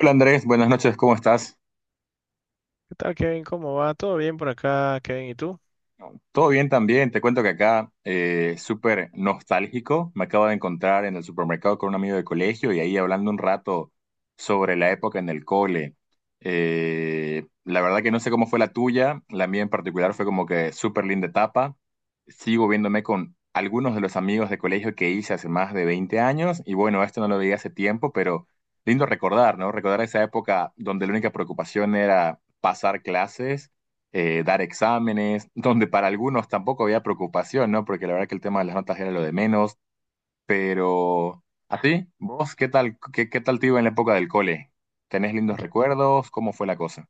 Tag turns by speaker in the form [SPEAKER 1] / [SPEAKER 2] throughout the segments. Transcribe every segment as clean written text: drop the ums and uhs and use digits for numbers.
[SPEAKER 1] Hola Andrés, buenas noches, ¿cómo estás?
[SPEAKER 2] ¿Qué tal, Kevin? ¿Cómo va? ¿Todo bien por acá, Kevin? ¿Y tú?
[SPEAKER 1] Todo bien también, te cuento que acá súper nostálgico, me acabo de encontrar en el supermercado con un amigo de colegio y ahí hablando un rato sobre la época en el cole. La verdad que no sé cómo fue la tuya, la mía en particular fue como que súper linda etapa, sigo viéndome con algunos de los amigos de colegio que hice hace más de 20 años y bueno, esto no lo veía hace tiempo, pero lindo recordar, ¿no? Recordar esa época donde la única preocupación era pasar clases dar exámenes, donde para algunos tampoco había preocupación, ¿no? Porque la verdad que el tema de las notas era lo de menos, pero así, ¿vos qué tal, qué tal te iba en la época del cole? ¿Tenés lindos recuerdos? ¿Cómo fue la cosa?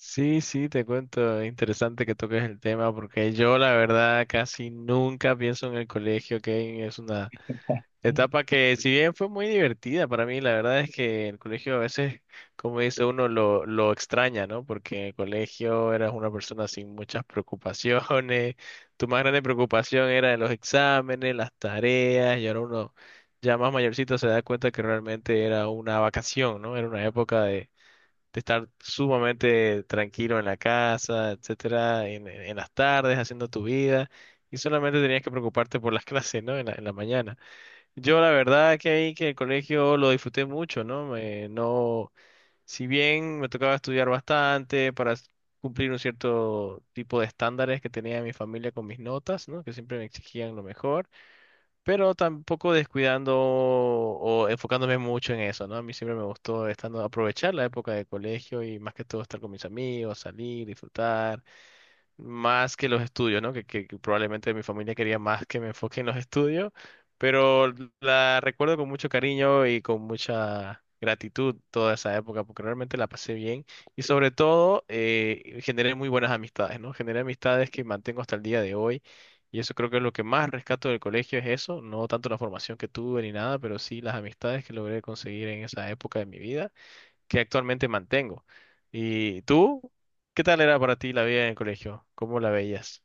[SPEAKER 2] Sí, sí, te cuento, es interesante que toques el tema porque yo la verdad casi nunca pienso en el colegio, Kevin, es una etapa que, si bien fue muy divertida para mí, la verdad es que el colegio a veces, como dice uno, lo extraña, ¿no? Porque en el colegio eras una persona sin muchas preocupaciones, tu más grande preocupación era los exámenes, las tareas, y ahora uno ya más mayorcito se da cuenta que realmente era una vacación, ¿no? Era una época de estar sumamente tranquilo en la casa, etcétera, en las tardes, haciendo tu vida, y solamente tenías que preocuparte por las clases, ¿no? En en la mañana. Yo la verdad que ahí que el colegio lo disfruté mucho, ¿no? Me, no, si bien me tocaba estudiar bastante cumplir un cierto tipo de estándares que tenía mi familia con mis notas, ¿no? Que siempre me exigían lo mejor, pero tampoco descuidando o enfocándome mucho en eso, ¿no? A mí siempre me gustó estando, aprovechar la época de colegio y más que todo estar con mis amigos, salir, disfrutar más que los estudios, ¿no? Que probablemente mi familia quería más que me enfoque en los estudios, pero la recuerdo con mucho cariño y con mucha gratitud toda esa época, porque realmente la pasé bien y sobre todo generé muy buenas amistades, ¿no? Generé amistades que mantengo hasta el día de hoy, y eso creo que es lo que más rescato del colegio, es eso, no tanto la formación que tuve ni nada, pero sí las amistades que logré conseguir en esa época de mi vida que actualmente mantengo. ¿Y tú? ¿Qué tal era para ti la vida en el colegio? ¿Cómo la veías?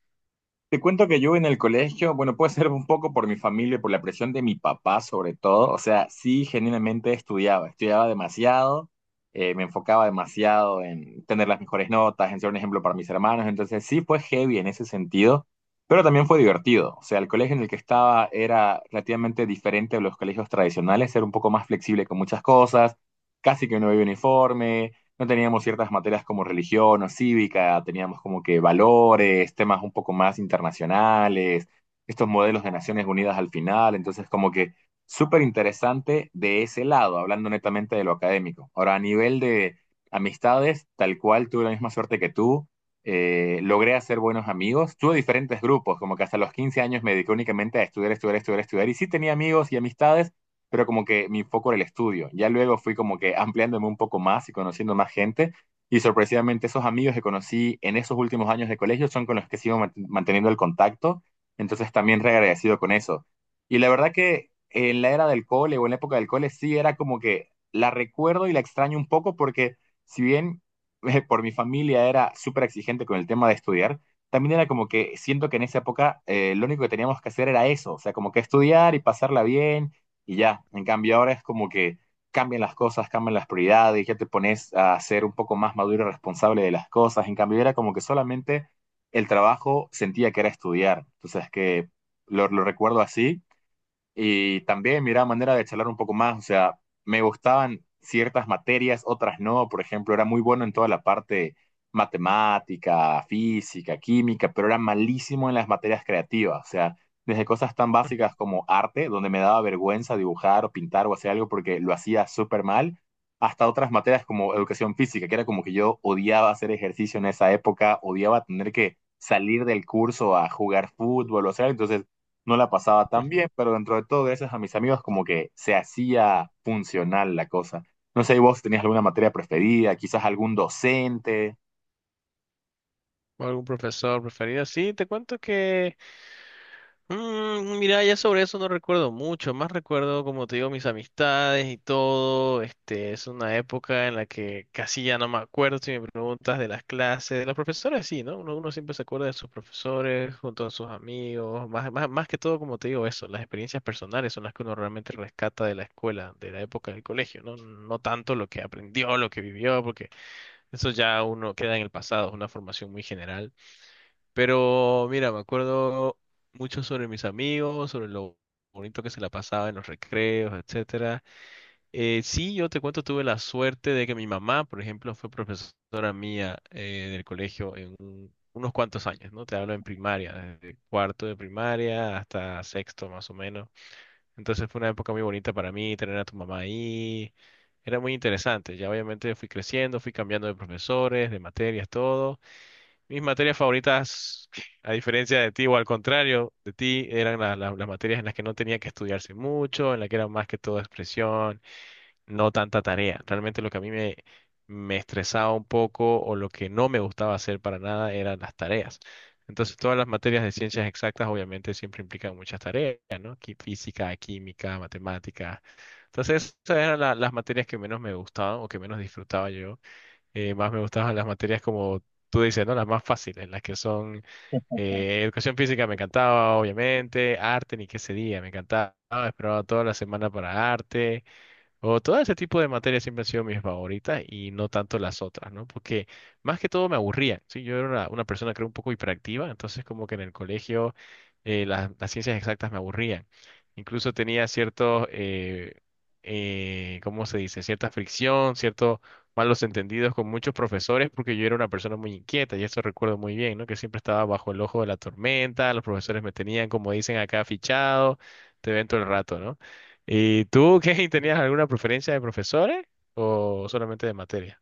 [SPEAKER 1] Te cuento que yo en el colegio, bueno, puede ser un poco por mi familia, por la presión de mi papá sobre todo, o sea, sí, genuinamente estudiaba, estudiaba demasiado, me enfocaba demasiado en tener las mejores notas, en ser un ejemplo para mis hermanos, entonces sí fue heavy en ese sentido, pero también fue divertido, o sea, el colegio en el que estaba era relativamente diferente a los colegios tradicionales, era un poco más flexible con muchas cosas, casi que no había uniforme, no teníamos ciertas materias como religión o cívica, teníamos como que valores, temas un poco más internacionales, estos modelos de Naciones Unidas al final, entonces como que súper interesante de ese lado, hablando netamente de lo académico. Ahora, a nivel de amistades, tal cual tuve la misma suerte que tú, logré hacer buenos amigos, tuve diferentes grupos, como que hasta los 15 años me dediqué únicamente a estudiar, estudiar, estudiar, estudiar, y sí tenía amigos y amistades, pero como que mi foco era el estudio. Ya luego fui como que ampliándome un poco más y conociendo más gente. Y sorpresivamente esos amigos que conocí en esos últimos años de colegio son con los que sigo manteniendo el contacto. Entonces también re agradecido con eso. Y la verdad que en la era del cole o en la época del cole sí era como que la recuerdo y la extraño un poco porque si bien por mi familia era súper exigente con el tema de estudiar, también era como que siento que en esa época lo único que teníamos que hacer era eso, o sea, como que estudiar y pasarla bien y ya. En cambio, ahora es como que cambian las cosas, cambian las prioridades, ya te pones a ser un poco más maduro y responsable de las cosas. En cambio, era como que solamente el trabajo sentía que era estudiar. Entonces, que lo recuerdo así y también miraba manera de charlar un poco más, o sea, me gustaban ciertas materias, otras no, por ejemplo, era muy bueno en toda la parte matemática, física, química, pero era malísimo en las materias creativas, o sea, desde cosas tan básicas como arte, donde me daba vergüenza dibujar o pintar o hacer algo porque lo hacía súper mal, hasta otras materias como educación física, que era como que yo odiaba hacer ejercicio en esa época, odiaba tener que salir del curso a jugar fútbol o hacer, entonces no la pasaba tan bien, pero dentro de todo, gracias a mis amigos, como que se hacía funcional la cosa. No sé, ¿y vos tenías alguna materia preferida, quizás algún docente?
[SPEAKER 2] ¿O algún profesor preferido? Sí, te cuento que mira, ya sobre eso no recuerdo mucho, más recuerdo, como te digo, mis amistades y todo. Este, es una época en la que casi ya no me acuerdo si me preguntas de las clases, de los profesores, sí, ¿no? Uno siempre se acuerda de sus profesores, junto a sus amigos, más que todo, como te digo, eso, las experiencias personales son las que uno realmente rescata de la escuela, de la época del colegio, ¿no? No tanto lo que aprendió, lo que vivió, porque eso ya uno queda en el pasado, es una formación muy general. Pero mira, me acuerdo mucho sobre mis amigos, sobre lo bonito que se la pasaba en los recreos, etcétera. Sí, yo te cuento, tuve la suerte de que mi mamá, por ejemplo, fue profesora mía del colegio en unos cuantos años, ¿no? Te hablo en primaria, desde cuarto de primaria hasta sexto más o menos. Entonces fue una época muy bonita para mí tener a tu mamá ahí. Era muy interesante. Ya obviamente fui creciendo, fui cambiando de profesores, de materias, todo. Mis materias favoritas, a diferencia de ti o al contrario de ti, eran las materias en las que no tenía que estudiarse mucho, en las que era más que todo expresión, no tanta tarea. Realmente lo que a me estresaba un poco, o lo que no me gustaba hacer para nada, eran las tareas. Entonces, todas las materias de ciencias exactas obviamente siempre implican muchas tareas, ¿no? Física, química, matemática. Entonces, esas eran las materias que menos me gustaban o que menos disfrutaba yo. Más me gustaban las materias como tú dices, ¿no? Las más fáciles, las que son, educación física me encantaba, obviamente, arte ni qué ese día, me encantaba, esperaba toda la semana para arte, o todo ese tipo de materias siempre han sido mis favoritas y no tanto las otras, ¿no? Porque más que todo me aburrían, ¿sí? Yo era una persona creo un poco hiperactiva, entonces como que en el colegio las ciencias exactas me aburrían. Incluso tenía cierto, ¿cómo se dice? Cierta fricción, ciertos malos entendidos con muchos profesores, porque yo era una persona muy inquieta y eso recuerdo muy bien, ¿no? Que siempre estaba bajo el ojo de la tormenta, los profesores me tenían, como dicen acá, fichado, te ven todo el rato, ¿no? ¿Y tú, Kevin, tenías alguna preferencia de profesores o solamente de materia?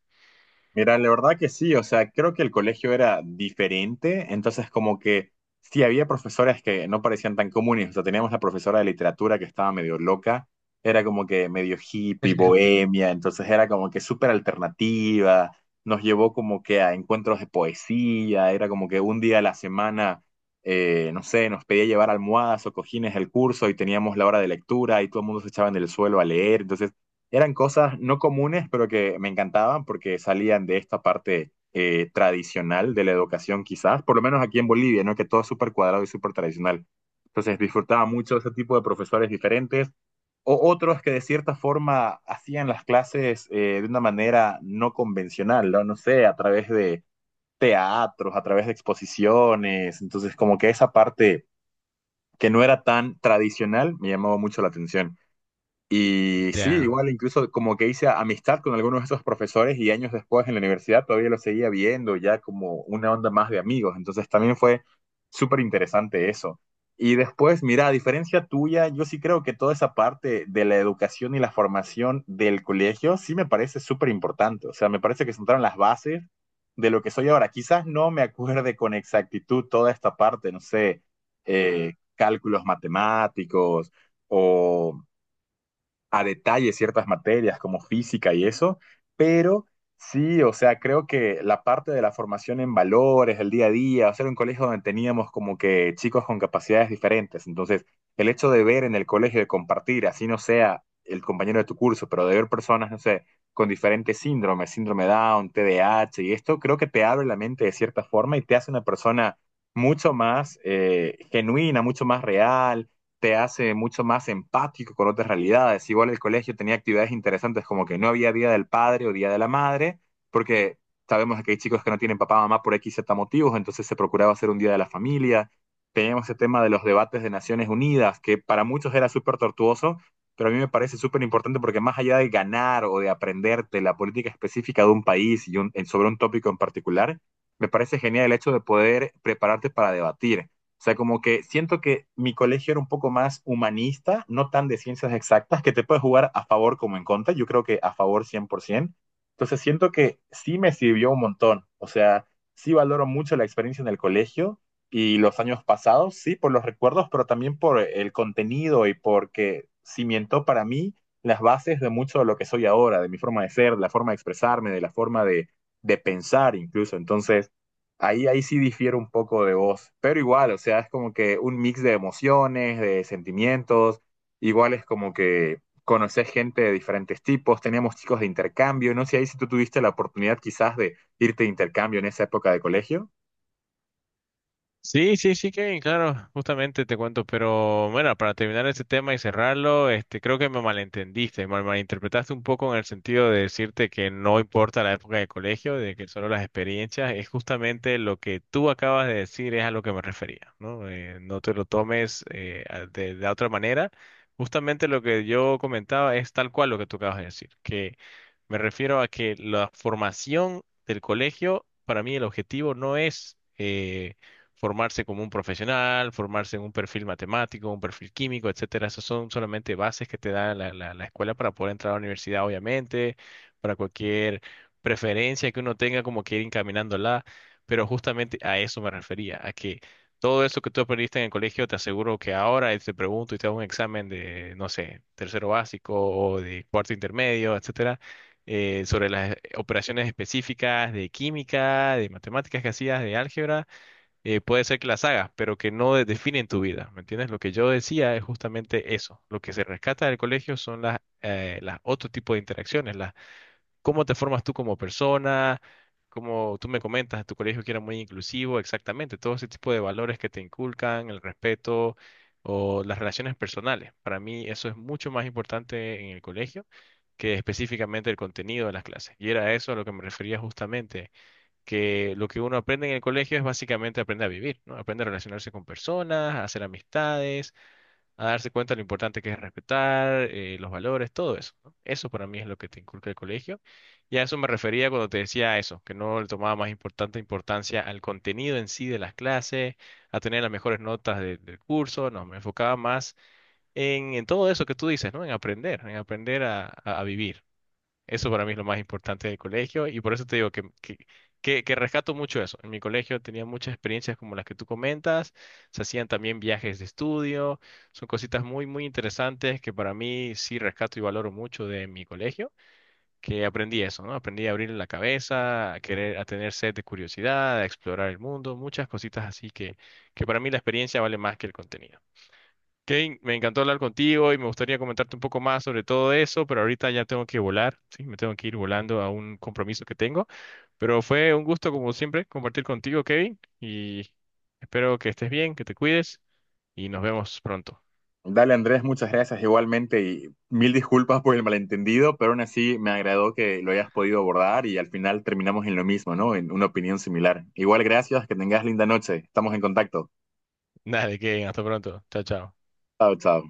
[SPEAKER 1] Mira, la verdad que sí, o sea, creo que el colegio era diferente, entonces como que sí había profesoras que no parecían tan comunes, o sea, teníamos la profesora de literatura que estaba medio loca, era como que medio hippie, bohemia, entonces era como que súper alternativa, nos llevó como que a encuentros de poesía, era como que un día a la semana, no sé, nos pedía llevar almohadas o cojines al curso y teníamos la hora de lectura y todo el mundo se echaba en el suelo a leer, entonces eran cosas no comunes, pero que me encantaban porque salían de esta parte tradicional de la educación, quizás, por lo menos aquí en Bolivia, ¿no? Que todo es súper cuadrado y súper tradicional. Entonces disfrutaba mucho ese tipo de profesores diferentes o otros que de cierta forma hacían las clases de una manera no convencional, ¿no? No sé, a través de teatros, a través de exposiciones. Entonces, como que esa parte que no era tan tradicional me llamó mucho la atención. Y sí,
[SPEAKER 2] Ya.
[SPEAKER 1] igual incluso como que hice amistad con algunos de esos profesores y años después en la universidad todavía los seguía viendo ya como una onda más de amigos. Entonces también fue súper interesante eso. Y después, mira, a diferencia tuya, yo sí creo que toda esa parte de la educación y la formación del colegio sí me parece súper importante. O sea, me parece que sentaron las bases de lo que soy ahora. Quizás no me acuerde con exactitud toda esta parte, no sé, cálculos matemáticos o a detalle ciertas materias como física y eso, pero sí, o sea, creo que la parte de la formación en valores, el día a día, o sea, era un colegio donde teníamos como que chicos con capacidades diferentes, entonces el hecho de ver en el colegio, de compartir, así no sea el compañero de tu curso, pero de ver personas, no sé, con diferentes síndromes, síndrome Down, t d A h y esto, creo que te abre la mente de cierta forma y te hace una persona mucho más genuina, mucho más real, te hace mucho más empático con otras realidades. Igual el colegio tenía actividades interesantes como que no había Día del Padre o Día de la Madre, porque sabemos que hay chicos que no tienen papá o mamá por X, Z motivos, entonces se procuraba hacer un Día de la Familia. Teníamos ese tema de los debates de Naciones Unidas, que para muchos era súper tortuoso, pero a mí me parece súper importante porque más allá de ganar o de aprenderte la política específica de un país y sobre un tópico en particular, me parece genial el hecho de poder prepararte para debatir, o sea, como que siento que mi colegio era un poco más humanista, no tan de ciencias exactas, que te puede jugar a favor como en contra. Yo creo que a favor 100%. Entonces siento que sí me sirvió un montón. O sea, sí valoro mucho la experiencia en el colegio y los años pasados, sí, por los recuerdos, pero también por el contenido y porque cimentó para mí las bases de mucho de lo que soy ahora, de mi forma de ser, de la forma de expresarme, de la forma de pensar incluso. Entonces, ahí sí difiere un poco de vos, pero igual, o sea, es como que un mix de emociones, de sentimientos, igual es como que conoces gente de diferentes tipos, teníamos chicos de intercambio, no sé ahí si tú tuviste la oportunidad quizás de irte de intercambio en esa época de colegio.
[SPEAKER 2] Sí, sí, sí, Kevin, claro, justamente te cuento, pero bueno, para terminar este tema y cerrarlo, este, creo que me malentendiste, malinterpretaste un poco, en el sentido de decirte que no importa la época de colegio, de que solo las experiencias, es justamente lo que tú acabas de decir, es a lo que me refería, ¿no? No te lo tomes de otra manera, justamente lo que yo comentaba es tal cual lo que tú acabas de decir, que me refiero a que la formación del colegio, para mí el objetivo no es... formarse como un profesional, formarse en un perfil matemático, un perfil químico, etcétera. Esas son solamente bases que te da la escuela para poder entrar a la universidad, obviamente, para cualquier preferencia que uno tenga, como que ir encaminándola. Pero justamente a eso me refería, a que todo eso que tú aprendiste en el colegio, te aseguro que ahora te pregunto y te hago un examen de, no sé, tercero básico o de cuarto intermedio, etcétera, sobre las operaciones específicas de química, de matemáticas que hacías, de álgebra, puede ser que las hagas, pero que no definen tu vida, ¿me entiendes? Lo que yo decía es justamente eso. Lo que se rescata del colegio son las otro tipo de interacciones, las, cómo te formas tú como persona, como tú me comentas, tu colegio que era muy inclusivo, exactamente, todo ese tipo de valores que te inculcan, el respeto o las relaciones personales. Para mí eso es mucho más importante en el colegio que específicamente el contenido de las clases. Y era eso a lo que me refería, justamente que lo que uno aprende en el colegio es básicamente aprender a vivir, ¿no? Aprende a relacionarse con personas, a hacer amistades, a darse cuenta de lo importante que es respetar, los valores, todo eso, ¿no? Eso para mí es lo que te inculca el colegio. Y a eso me refería cuando te decía eso, que no le tomaba más importante importancia al contenido en sí de las clases, a tener las mejores notas del curso, no, me enfocaba más en todo eso que tú dices, ¿no? En aprender a vivir. Eso para mí es lo más importante del colegio, y por eso te digo que, que rescato mucho eso. En mi colegio tenía muchas experiencias como las que tú comentas, se hacían también viajes de estudio, son cositas muy interesantes que para mí sí rescato y valoro mucho de mi colegio, que aprendí eso, ¿no? Aprendí a abrir la cabeza, a querer, a tener sed de curiosidad, a explorar el mundo, muchas cositas así que para mí la experiencia vale más que el contenido. Kane, me encantó hablar contigo y me gustaría comentarte un poco más sobre todo eso, pero ahorita ya tengo que volar, sí, me tengo que ir volando a un compromiso que tengo. Pero fue un gusto, como siempre, compartir contigo, Kevin, y espero que estés bien, que te cuides y nos vemos pronto.
[SPEAKER 1] Dale Andrés, muchas gracias igualmente y mil disculpas por el malentendido, pero aún así me agradó que lo hayas podido abordar y al final terminamos en lo mismo, ¿no? En una opinión similar. Igual gracias, que tengas linda noche, estamos en contacto.
[SPEAKER 2] Nada de Kevin, hasta pronto. Chao, chao.
[SPEAKER 1] Chao, chao.